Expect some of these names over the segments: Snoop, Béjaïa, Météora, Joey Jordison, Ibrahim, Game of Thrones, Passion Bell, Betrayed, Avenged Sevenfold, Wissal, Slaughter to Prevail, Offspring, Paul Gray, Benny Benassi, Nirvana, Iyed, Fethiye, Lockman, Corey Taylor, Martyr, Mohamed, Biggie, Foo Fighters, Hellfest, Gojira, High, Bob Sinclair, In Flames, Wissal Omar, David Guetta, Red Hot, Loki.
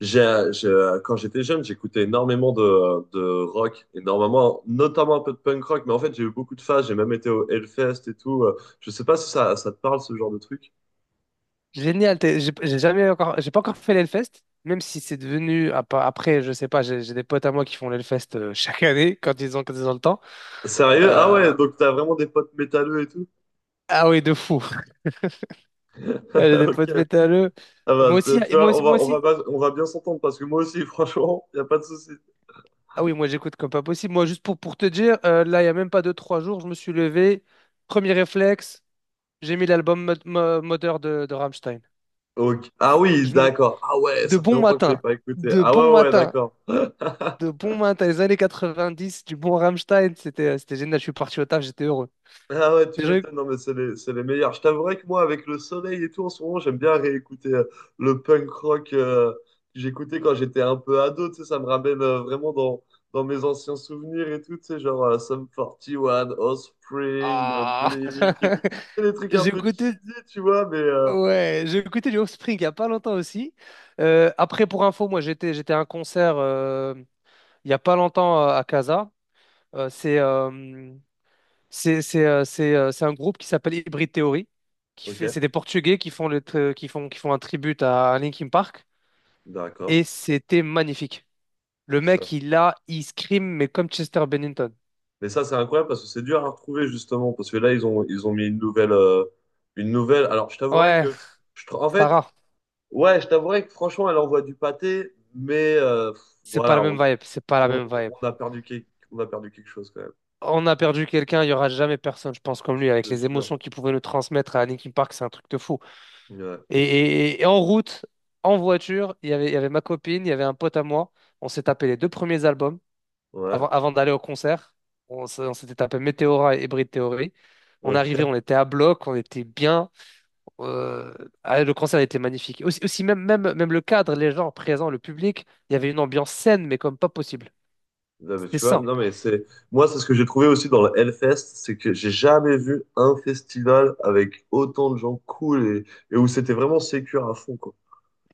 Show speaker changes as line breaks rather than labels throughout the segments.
Quand j'étais jeune, j'écoutais énormément de rock, énormément, notamment un peu de punk rock, mais en fait, j'ai eu beaucoup de phases, j'ai même été au Hellfest et tout. Je sais pas si ça, ça te parle, ce genre de truc.
Génial, j'ai jamais encore, j'ai pas encore fait l'Hellfest, même si c'est devenu, après, je sais pas, j'ai des potes à moi qui font l'Hellfest chaque année, quand ils ont le temps.
Sérieux? Ah
Euh,
ouais, donc t'as vraiment des potes métalleux et tout?
ah oui, de fou. J'ai des
Ok.
potes métalleux.
Ah
Moi
bah,
aussi,
tu
et moi
vois,
aussi, moi
on va
aussi.
pas- on va bien s'entendre parce que moi aussi, franchement, y a pas de souci.
Ah oui, moi j'écoute comme pas possible. Moi, juste pour te dire, là, il y a même pas deux, trois jours, je me suis levé, premier réflexe, j'ai mis l'album Mother de Rammstein.
Ok. Ah oui,
Je me-
d'accord. Ah ouais,
De
ça fait
bon
longtemps que je l'ai
matin,
pas écouté.
de
Ah
bon
ouais, ouais,
matin.
d'accord.
De bon matin, t'as les années dix du bon Rammstein, c'était génial. Je suis parti au taf, j'étais heureux.
Ah ouais, tu
Déjà,
m'étonnes, non mais c'est les meilleurs. Je t'avouerai que moi, avec le soleil et tout, en ce moment, j'aime bien réécouter le punk rock, que j'écoutais quand j'étais un peu ado, tu sais, ça me ramène, vraiment dans mes anciens souvenirs et tout, tu sais, genre, Sum 41, Offspring,
ah.
Blink et tout. Et des trucs un
j'ai
peu
écouté,
cheesy, tu vois, mais
ouais, j'ai écouté du Offspring il y a pas longtemps aussi. Après, pour info, moi j'étais à un concert il y a pas longtemps, à Casa. Euh, c'est euh, c'est un groupe qui s'appelle Hybrid Theory, qui
ok,
fait c'est des Portugais qui font un tribute à Linkin Park,
d'accord.
et c'était magnifique. Le
Ça,
mec
c'est-
il scream mais comme Chester Bennington.
mais ça, c'est incroyable parce que c'est dur à retrouver, justement, parce que là, ils ont mis une nouvelle, une nouvelle. Alors, je t'avouerai
Ouais,
que en fait,
Sarah,
ouais, je t'avouerais que franchement, elle envoie du pâté, mais pff,
c'est pas la
voilà,
même vibe, c'est pas la
on,
même vibe.
on a perdu quelque chose quand même.
On a perdu quelqu'un, il y aura jamais personne, je pense, comme
Je
lui, avec
te
les
jure.
émotions qu'il pouvait nous transmettre à Linkin Park. C'est un truc de fou.
Ouais,
Et en route, en voiture, il y avait ma copine, il y avait un pote à moi, on s'est tapé les deux premiers albums.
ouais,
Avant d'aller au concert, on s'était tapé Météora et Hybrid Theory. On arrivait,
ok.
on était à bloc, on était bien. Euh, ah, le concert était magnifique. Aussi, même, même, même le cadre, les gens présents, le public, il y avait une ambiance saine, mais comme pas possible.
Non, mais
C'était
tu vois,
sain.
non mais c'est, moi c'est ce que j'ai trouvé aussi dans le Hellfest, c'est que j'ai jamais vu un festival avec autant de gens cool et où c'était vraiment sécure à fond quoi.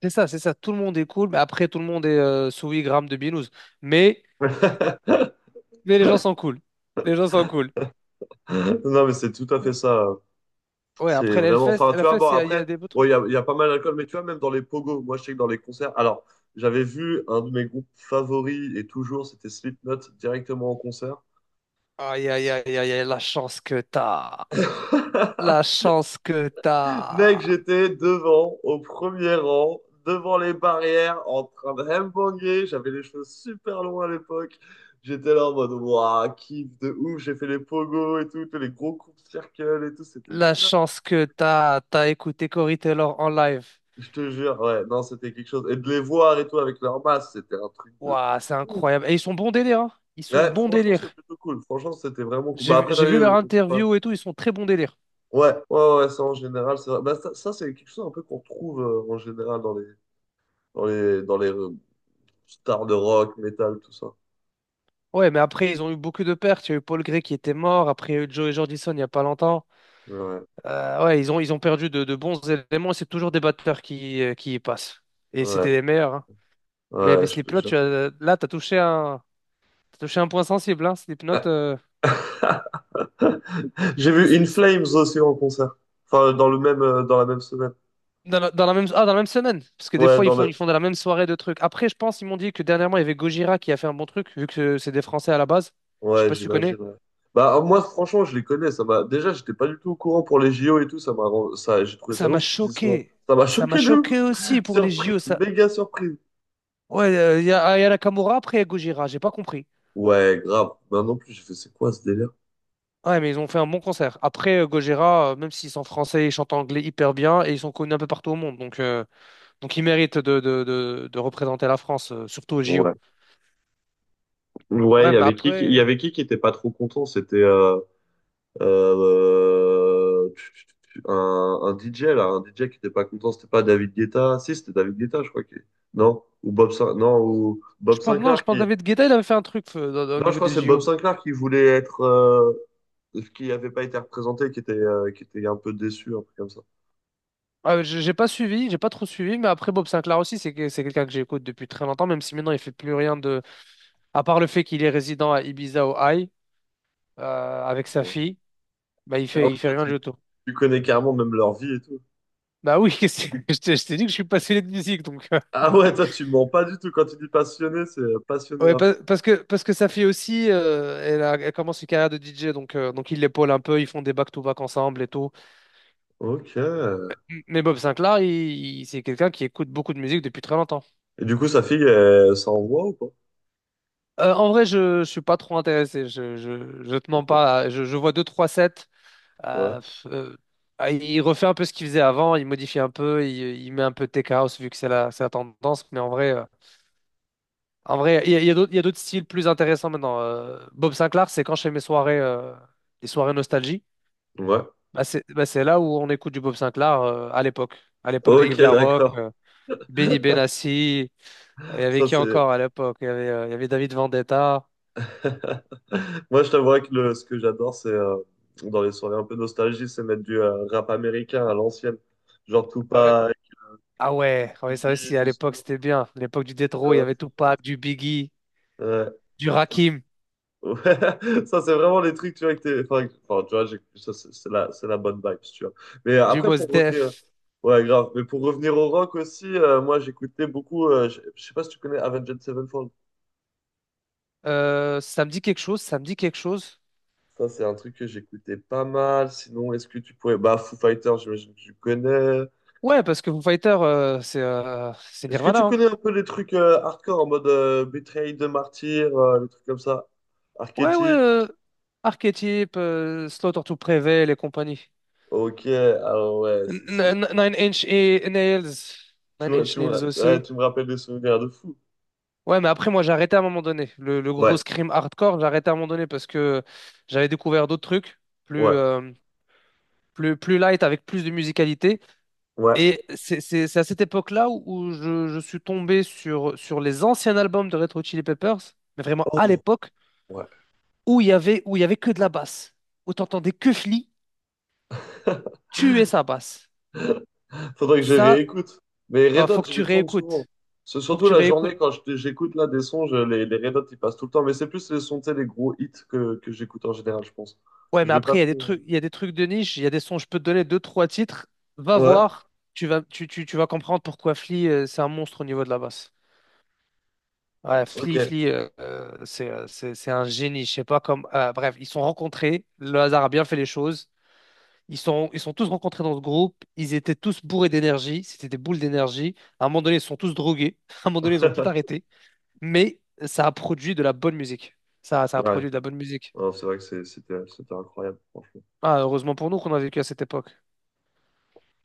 C'est ça, c'est ça. Tout le monde est cool, mais après, tout le monde est sous 8 grammes de binouze. Mais, mais les gens sont cool. Les gens sont cool.
Non mais c'est tout à fait ça.
Ouais,
C'est
après
vraiment.
l'Hellfest,
Enfin, tu
la
vois, bon,
fête, il y a
après,
des beaux
bon, il y
trucs.
a, il y a pas mal d'alcool, mais tu vois, même dans les pogos, moi, je sais que dans les concerts. Alors, j'avais vu un de mes groupes favoris, et toujours, c'était Slipknot, directement en concert.
Aïe, aïe, aïe, aïe, aïe, la chance que t'as. La chance que
Mec,
t'as.
j'étais devant, au premier rang, devant les barrières, en train de headbanger. J'avais les cheveux super longs à l'époque. J'étais là en mode, waouh, kiff de ouf, j'ai fait les pogos et tout, tous les gros coups de circle et tout, c'était
La
dingue.
chance que t'as, t'as écouté Corey Taylor en live.
Je te jure, ouais, non, c'était quelque chose. Et de les voir et tout avec leur masse, c'était un truc de
Waouh, c'est
ouf.
incroyable. Et ils sont bons délire, hein. Ils sont
Ouais,
bons
franchement, c'est
délire.
plutôt cool. Franchement, c'était vraiment cool.
J'ai,
Bah,
vu
après, t'as
j'ai vu
vu,
leur
on peut pas.
interview et tout, ils sont très bons délire.
Ouais, ouais, ouais, ouais, ça en général, c'est vrai. Bah, ça, c'est quelque chose un peu qu'on retrouve, en général dans les stars de rock, métal, tout ça.
Ouais, mais après, ils ont eu beaucoup de pertes. Il y a eu Paul Gray qui était mort. Après, il y a eu Joey Jordison il n'y a pas longtemps.
Ouais,
Ouais, ils ont perdu de bons éléments. C'est toujours des batteurs qui y passent. Et c'était
ouais,
les meilleurs. Hein. Mais
ouais, je te
Slipknot, tu
jure.
as, là, t'as touché un point sensible. Hein. Slipknot.
J'ai vu In Flames aussi en concert. Enfin, dans la même semaine.
Dans la même semaine. Parce que des
Ouais,
fois, ils font dans la même soirée de trucs. Après, je pense, ils m'ont dit que dernièrement, il y avait Gojira qui a fait un bon truc, vu que c'est des Français à la base. Je sais
ouais,
pas si tu connais.
j'imagine, ouais. Bah, moi, franchement, je les connais. Déjà, j'étais pas du tout au courant pour les JO et tout. Ça, j'ai trouvé ça
Ça m'a
ouf qu'ils y soient.
choqué.
Ça m'a
Ça m'a
choqué de ouf.
choqué aussi pour les JO.
Surprise,
Ça.
méga surprise.
Ouais, ah, il y a Nakamura, après il y a Gojira. J'ai pas compris.
Ouais, grave. Ben non plus, j'ai fait, c'est quoi ce délire?
Ouais, mais ils ont fait un bon concert. Après, Gojira, même s'ils sont français, ils chantent anglais hyper bien et ils sont connus un peu partout au monde. Donc ils méritent de représenter la France, surtout aux JO.
Ouais. Ouais, il
Ouais,
y
mais
avait qui, il y
après,
avait qui était pas trop content? C'était euh, tu- tu- un DJ, là. Un DJ qui était pas content. C'était pas David Guetta. Si, c'était David Guetta, je crois. Qui... Non? Ou Bob Sinclair. Non, ou Bob
je pense, non, je
Sinclair
pense que
qui...
David Guetta, il avait fait un truc au
Non, je
niveau
crois
des
que c'est Bob
JO.
Sinclair qui voulait être, ce qui n'avait pas été représenté, qui était un peu déçu, un truc comme ça.
Ah, j'ai pas suivi, j'ai pas trop suivi, mais après Bob Sinclair aussi, c'est quelqu'un que j'écoute depuis très longtemps, même si maintenant il fait plus rien de, à part le fait qu'il est résident à Ibiza au High avec sa
Ouais.
fille. Bah il
Ah ouais,
fait il fait
toi,
rien
tu,
du tout.
tu connais carrément même leur vie et tout.
Bah oui. Je t'ai dit que je suis passionné de musique, donc
Ah ouais, toi, tu mens pas du tout. Quand tu dis passionné, c'est passionné
ouais,
à fond.
parce que sa fille aussi, elle commence une carrière de DJ, donc il l'épaule un peu, ils font des back-to-back ensemble et tout.
Ok. Et
Mais Bob Sinclair, c'est quelqu'un qui écoute beaucoup de musique depuis très longtemps.
du coup, sa fille, elle s'envoie ou pas?
En vrai, je suis pas trop intéressé. Je te mens
Ok.
pas. Je vois deux trois sets.
Ouais.
Euh, euh, ah, il refait un peu ce qu'il faisait avant, il modifie un peu, il met un peu de tech house vu que c'est la tendance. Mais en vrai, il y a d'autres il y a d'autres styles plus intéressants maintenant. Bob Sinclair, c'est quand je fais mes soirées, les soirées nostalgie,
Ouais.
bah c'est là où on écoute du Bob Sinclair, à l'époque. À l'époque de
Ok,
Yves Larocque,
d'accord.
Benny Benassi, il y avait
Ça,
qui
c'est.
encore à l'époque? Il y avait David Vendetta.
Moi, je t'avouerais que ce que j'adore, c'est, dans les soirées un peu nostalgie, c'est mettre du rap américain à l'ancienne. Genre
Ah ouais,
Tupac,
ah ouais, ah ouais, ça
Biggie,
aussi, à
du
l'époque,
Snoop,
c'était bien. À l'époque du
tu
Détro, il y
vois,
avait
ce genre de
Tupac,
truc.
du Biggie,
Ouais.
du Rakim,
Ouais, ça, c'est vraiment les trucs, tu vois, que t'es, enfin, enfin, tu vois, ça, c'est la bonne vibe, si tu vois, mais
du
après
Mos
pour revenir,
Def.
ouais, grave, mais pour revenir au rock aussi, moi j'écoutais beaucoup, je sais pas si tu connais Avenged Sevenfold.
Ça me dit quelque chose, ça me dit quelque chose.
Ça, c'est un truc que j'écoutais pas mal. Sinon est-ce que tu pourrais, bah, Foo Fighters j'imagine que tu connais.
Ouais, parce que Foo Fighters, c'est
Est-ce que tu
Nirvana. Hein.
connais un peu les trucs hardcore, en mode Betrayed de Martyr, les trucs comme ça,
Ouais, ouais,
archétype.
Archetype, Slaughter to Prevail et compagnie.
Ok, alors ouais, si si,
Nine Inch et Nails. Nine Inch Nails
ouais,
aussi.
tu me rappelles des souvenirs de fou.
Ouais, mais après, moi, j'ai arrêté à un moment donné. Le gros
Ouais,
scream hardcore, j'ai arrêté à un moment donné parce que j'avais découvert d'autres trucs plus,
ouais,
euh, plus light avec plus de musicalité.
ouais,
Et c'est à cette époque-là où je suis tombé sur les anciens albums de Retro Chili Peppers, mais vraiment à
oh,
l'époque,
ouais.
où il y avait que de la basse, où t'entendais que Flea tuer sa basse.
Faudrait que je
Ça,
réécoute. Mais Red Hot,
faut que
je
tu
les tourne souvent.
réécoutes.
C'est
Faut que
surtout
tu
la
réécoutes.
journée quand j'écoute là des sons, les Red Hot, ils passent tout le temps. Mais c'est plus les sons, tu sais, les gros hits que j'écoute en général, je pense.
Ouais,
Je
mais
vais pas
après, il y a des
trop.
trucs, il y a des trucs de niche, il y a des sons, je peux te donner deux, trois titres. Va
Ouais,
voir, tu vas comprendre pourquoi Flea, c'est un monstre au niveau de la basse. Ouais,
ok.
Flea, c'est un génie. Je sais pas comme. Bref, ils se sont rencontrés. Le hasard a bien fait les choses. Ils sont tous rencontrés dans ce groupe, ils étaient tous bourrés d'énergie, c'était des boules d'énergie. À un moment donné, ils sont tous drogués, à un moment donné, ils ont tout arrêté, mais ça a produit de la bonne musique. Ça a
Ouais,
produit de la bonne musique.
non, c'est vrai que c'était incroyable, franchement.
Ah, heureusement pour nous qu'on a vécu à cette époque.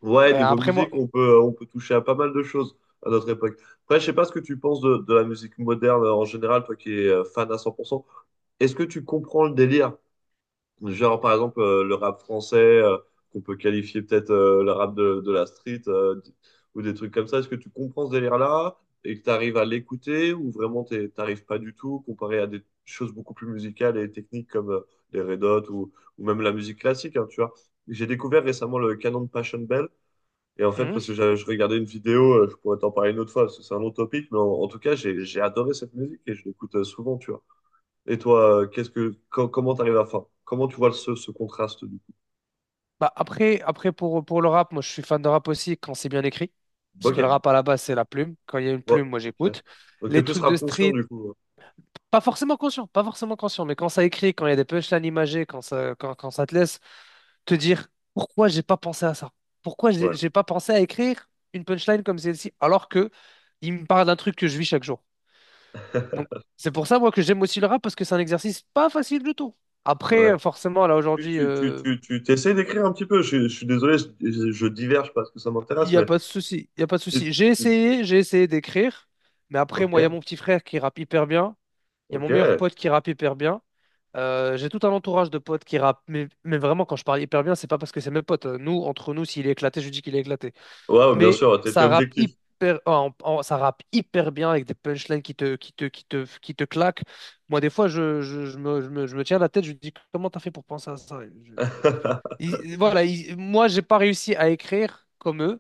Ouais,
Et
niveau
après, moi.
musique, on peut toucher à pas mal de choses à notre époque. Après, je sais pas ce que tu penses de la musique moderne en général, toi qui es fan à 100%. Est-ce que tu comprends le délire? Genre, par exemple, le rap français, qu'on peut qualifier peut-être, le rap de la street, ou des trucs comme ça. Est-ce que tu comprends ce délire-là et que tu arrives à l'écouter, ou vraiment t'arrives pas du tout, comparé à des choses beaucoup plus musicales et techniques comme les Red Hot, ou même la musique classique, hein, tu vois. J'ai découvert récemment le canon de Passion Bell, et en fait,
Hmm.
parce que je regardais une vidéo, je pourrais t'en parler une autre fois, parce que c'est un autre topic, mais en tout cas, j'ai adoré cette musique et je l'écoute souvent, tu vois. Et toi, comment t'arrives à la fin? Comment tu vois ce contraste du coup?
Bah après, pour le rap, moi je suis fan de rap aussi quand c'est bien écrit, parce que le
Ok.
rap à la base, c'est la plume. Quand il y a une
Ouais,
plume, moi
ok.
j'écoute.
Donc t'es
Les
plus
trucs de
rap conscient
street,
du coup.
pas forcément conscient, pas forcément conscient, mais quand ça écrit, quand il y a des punchlines imagées, quand ça te laisse te dire pourquoi j'ai pas pensé à ça? Pourquoi j'ai
Ouais,
j'ai pas pensé à écrire une punchline comme celle-ci alors que il me parle d'un truc que je vis chaque jour. Donc c'est pour ça moi que j'aime aussi le rap parce que c'est un exercice pas facile du tout.
ouais, ouais.
Après forcément là aujourd'hui
Tu, tu, tu,
euh,
tu, tu t'essayes d'écrire un petit peu. Je suis désolé, je diverge parce que ça
Il
m'intéresse,
n'y a
mais
pas de souci, il y a pas de
tu-
souci.
tu-
J'ai
tu-
essayé, j'ai essayé d'écrire, mais après moi il y a
ok,
mon petit frère qui rappe hyper bien, il y a mon
ok.
meilleur pote qui rappe hyper bien. J'ai tout un entourage de potes qui rappent, mais vraiment quand je parle hyper bien, c'est pas parce que c'est mes potes. Nous, entre nous, s'il est éclaté, je dis qu'il est éclaté.
Ouais, bien
Mais
sûr, t'étais objectif.
ça rappe hyper bien avec des punchlines qui te claquent. Moi, des fois, je me tiens la tête, je me dis, comment t'as fait pour penser à ça? Je- Il- voilà, il- moi, j'ai pas réussi à écrire comme eux,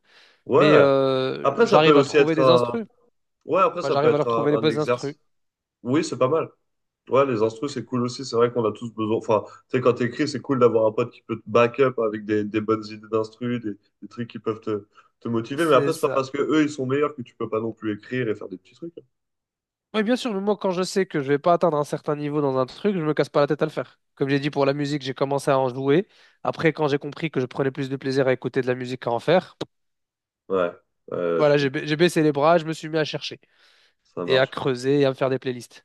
mais
Ouais. Après, ça peut
j'arrive à
aussi
trouver
être
des
un.
instrus.
Ouais, après,
Moi,
ça peut
j'arrive à
être
leur trouver
un,
les
un
bonnes instrus.
exercice. Oui, c'est pas mal. Ouais, les instrus, c'est cool aussi. C'est vrai qu'on a tous besoin. Enfin, tu sais, quand t'écris, c'est cool d'avoir un pote qui peut te back up avec des bonnes idées d'instrus, des trucs qui peuvent te motiver. Mais
C'est
après, c'est pas
ça.
parce que eux, ils sont meilleurs que tu peux pas non plus écrire et faire des petits trucs.
Oui, bien sûr, mais moi, quand je sais que je vais pas atteindre un certain niveau dans un truc, je me casse pas la tête à le faire. Comme j'ai dit pour la musique, j'ai commencé à en jouer. Après, quand j'ai compris que je prenais plus de plaisir à écouter de la musique qu'à en faire.
Ouais, ouais, je
Voilà, j'ai
comprends.
j'ai baissé les bras, je me suis mis à chercher
Ça
et à
marche.
creuser et à me faire des playlists.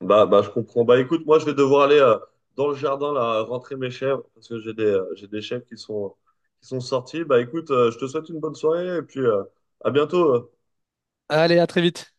Bah, bah, je comprends. Bah, écoute, moi, je vais devoir aller dans le jardin, là, rentrer mes chèvres parce que j'ai des chèvres qui sont sorties. Bah, écoute, je te souhaite une bonne soirée et puis à bientôt.
Allez, à très vite.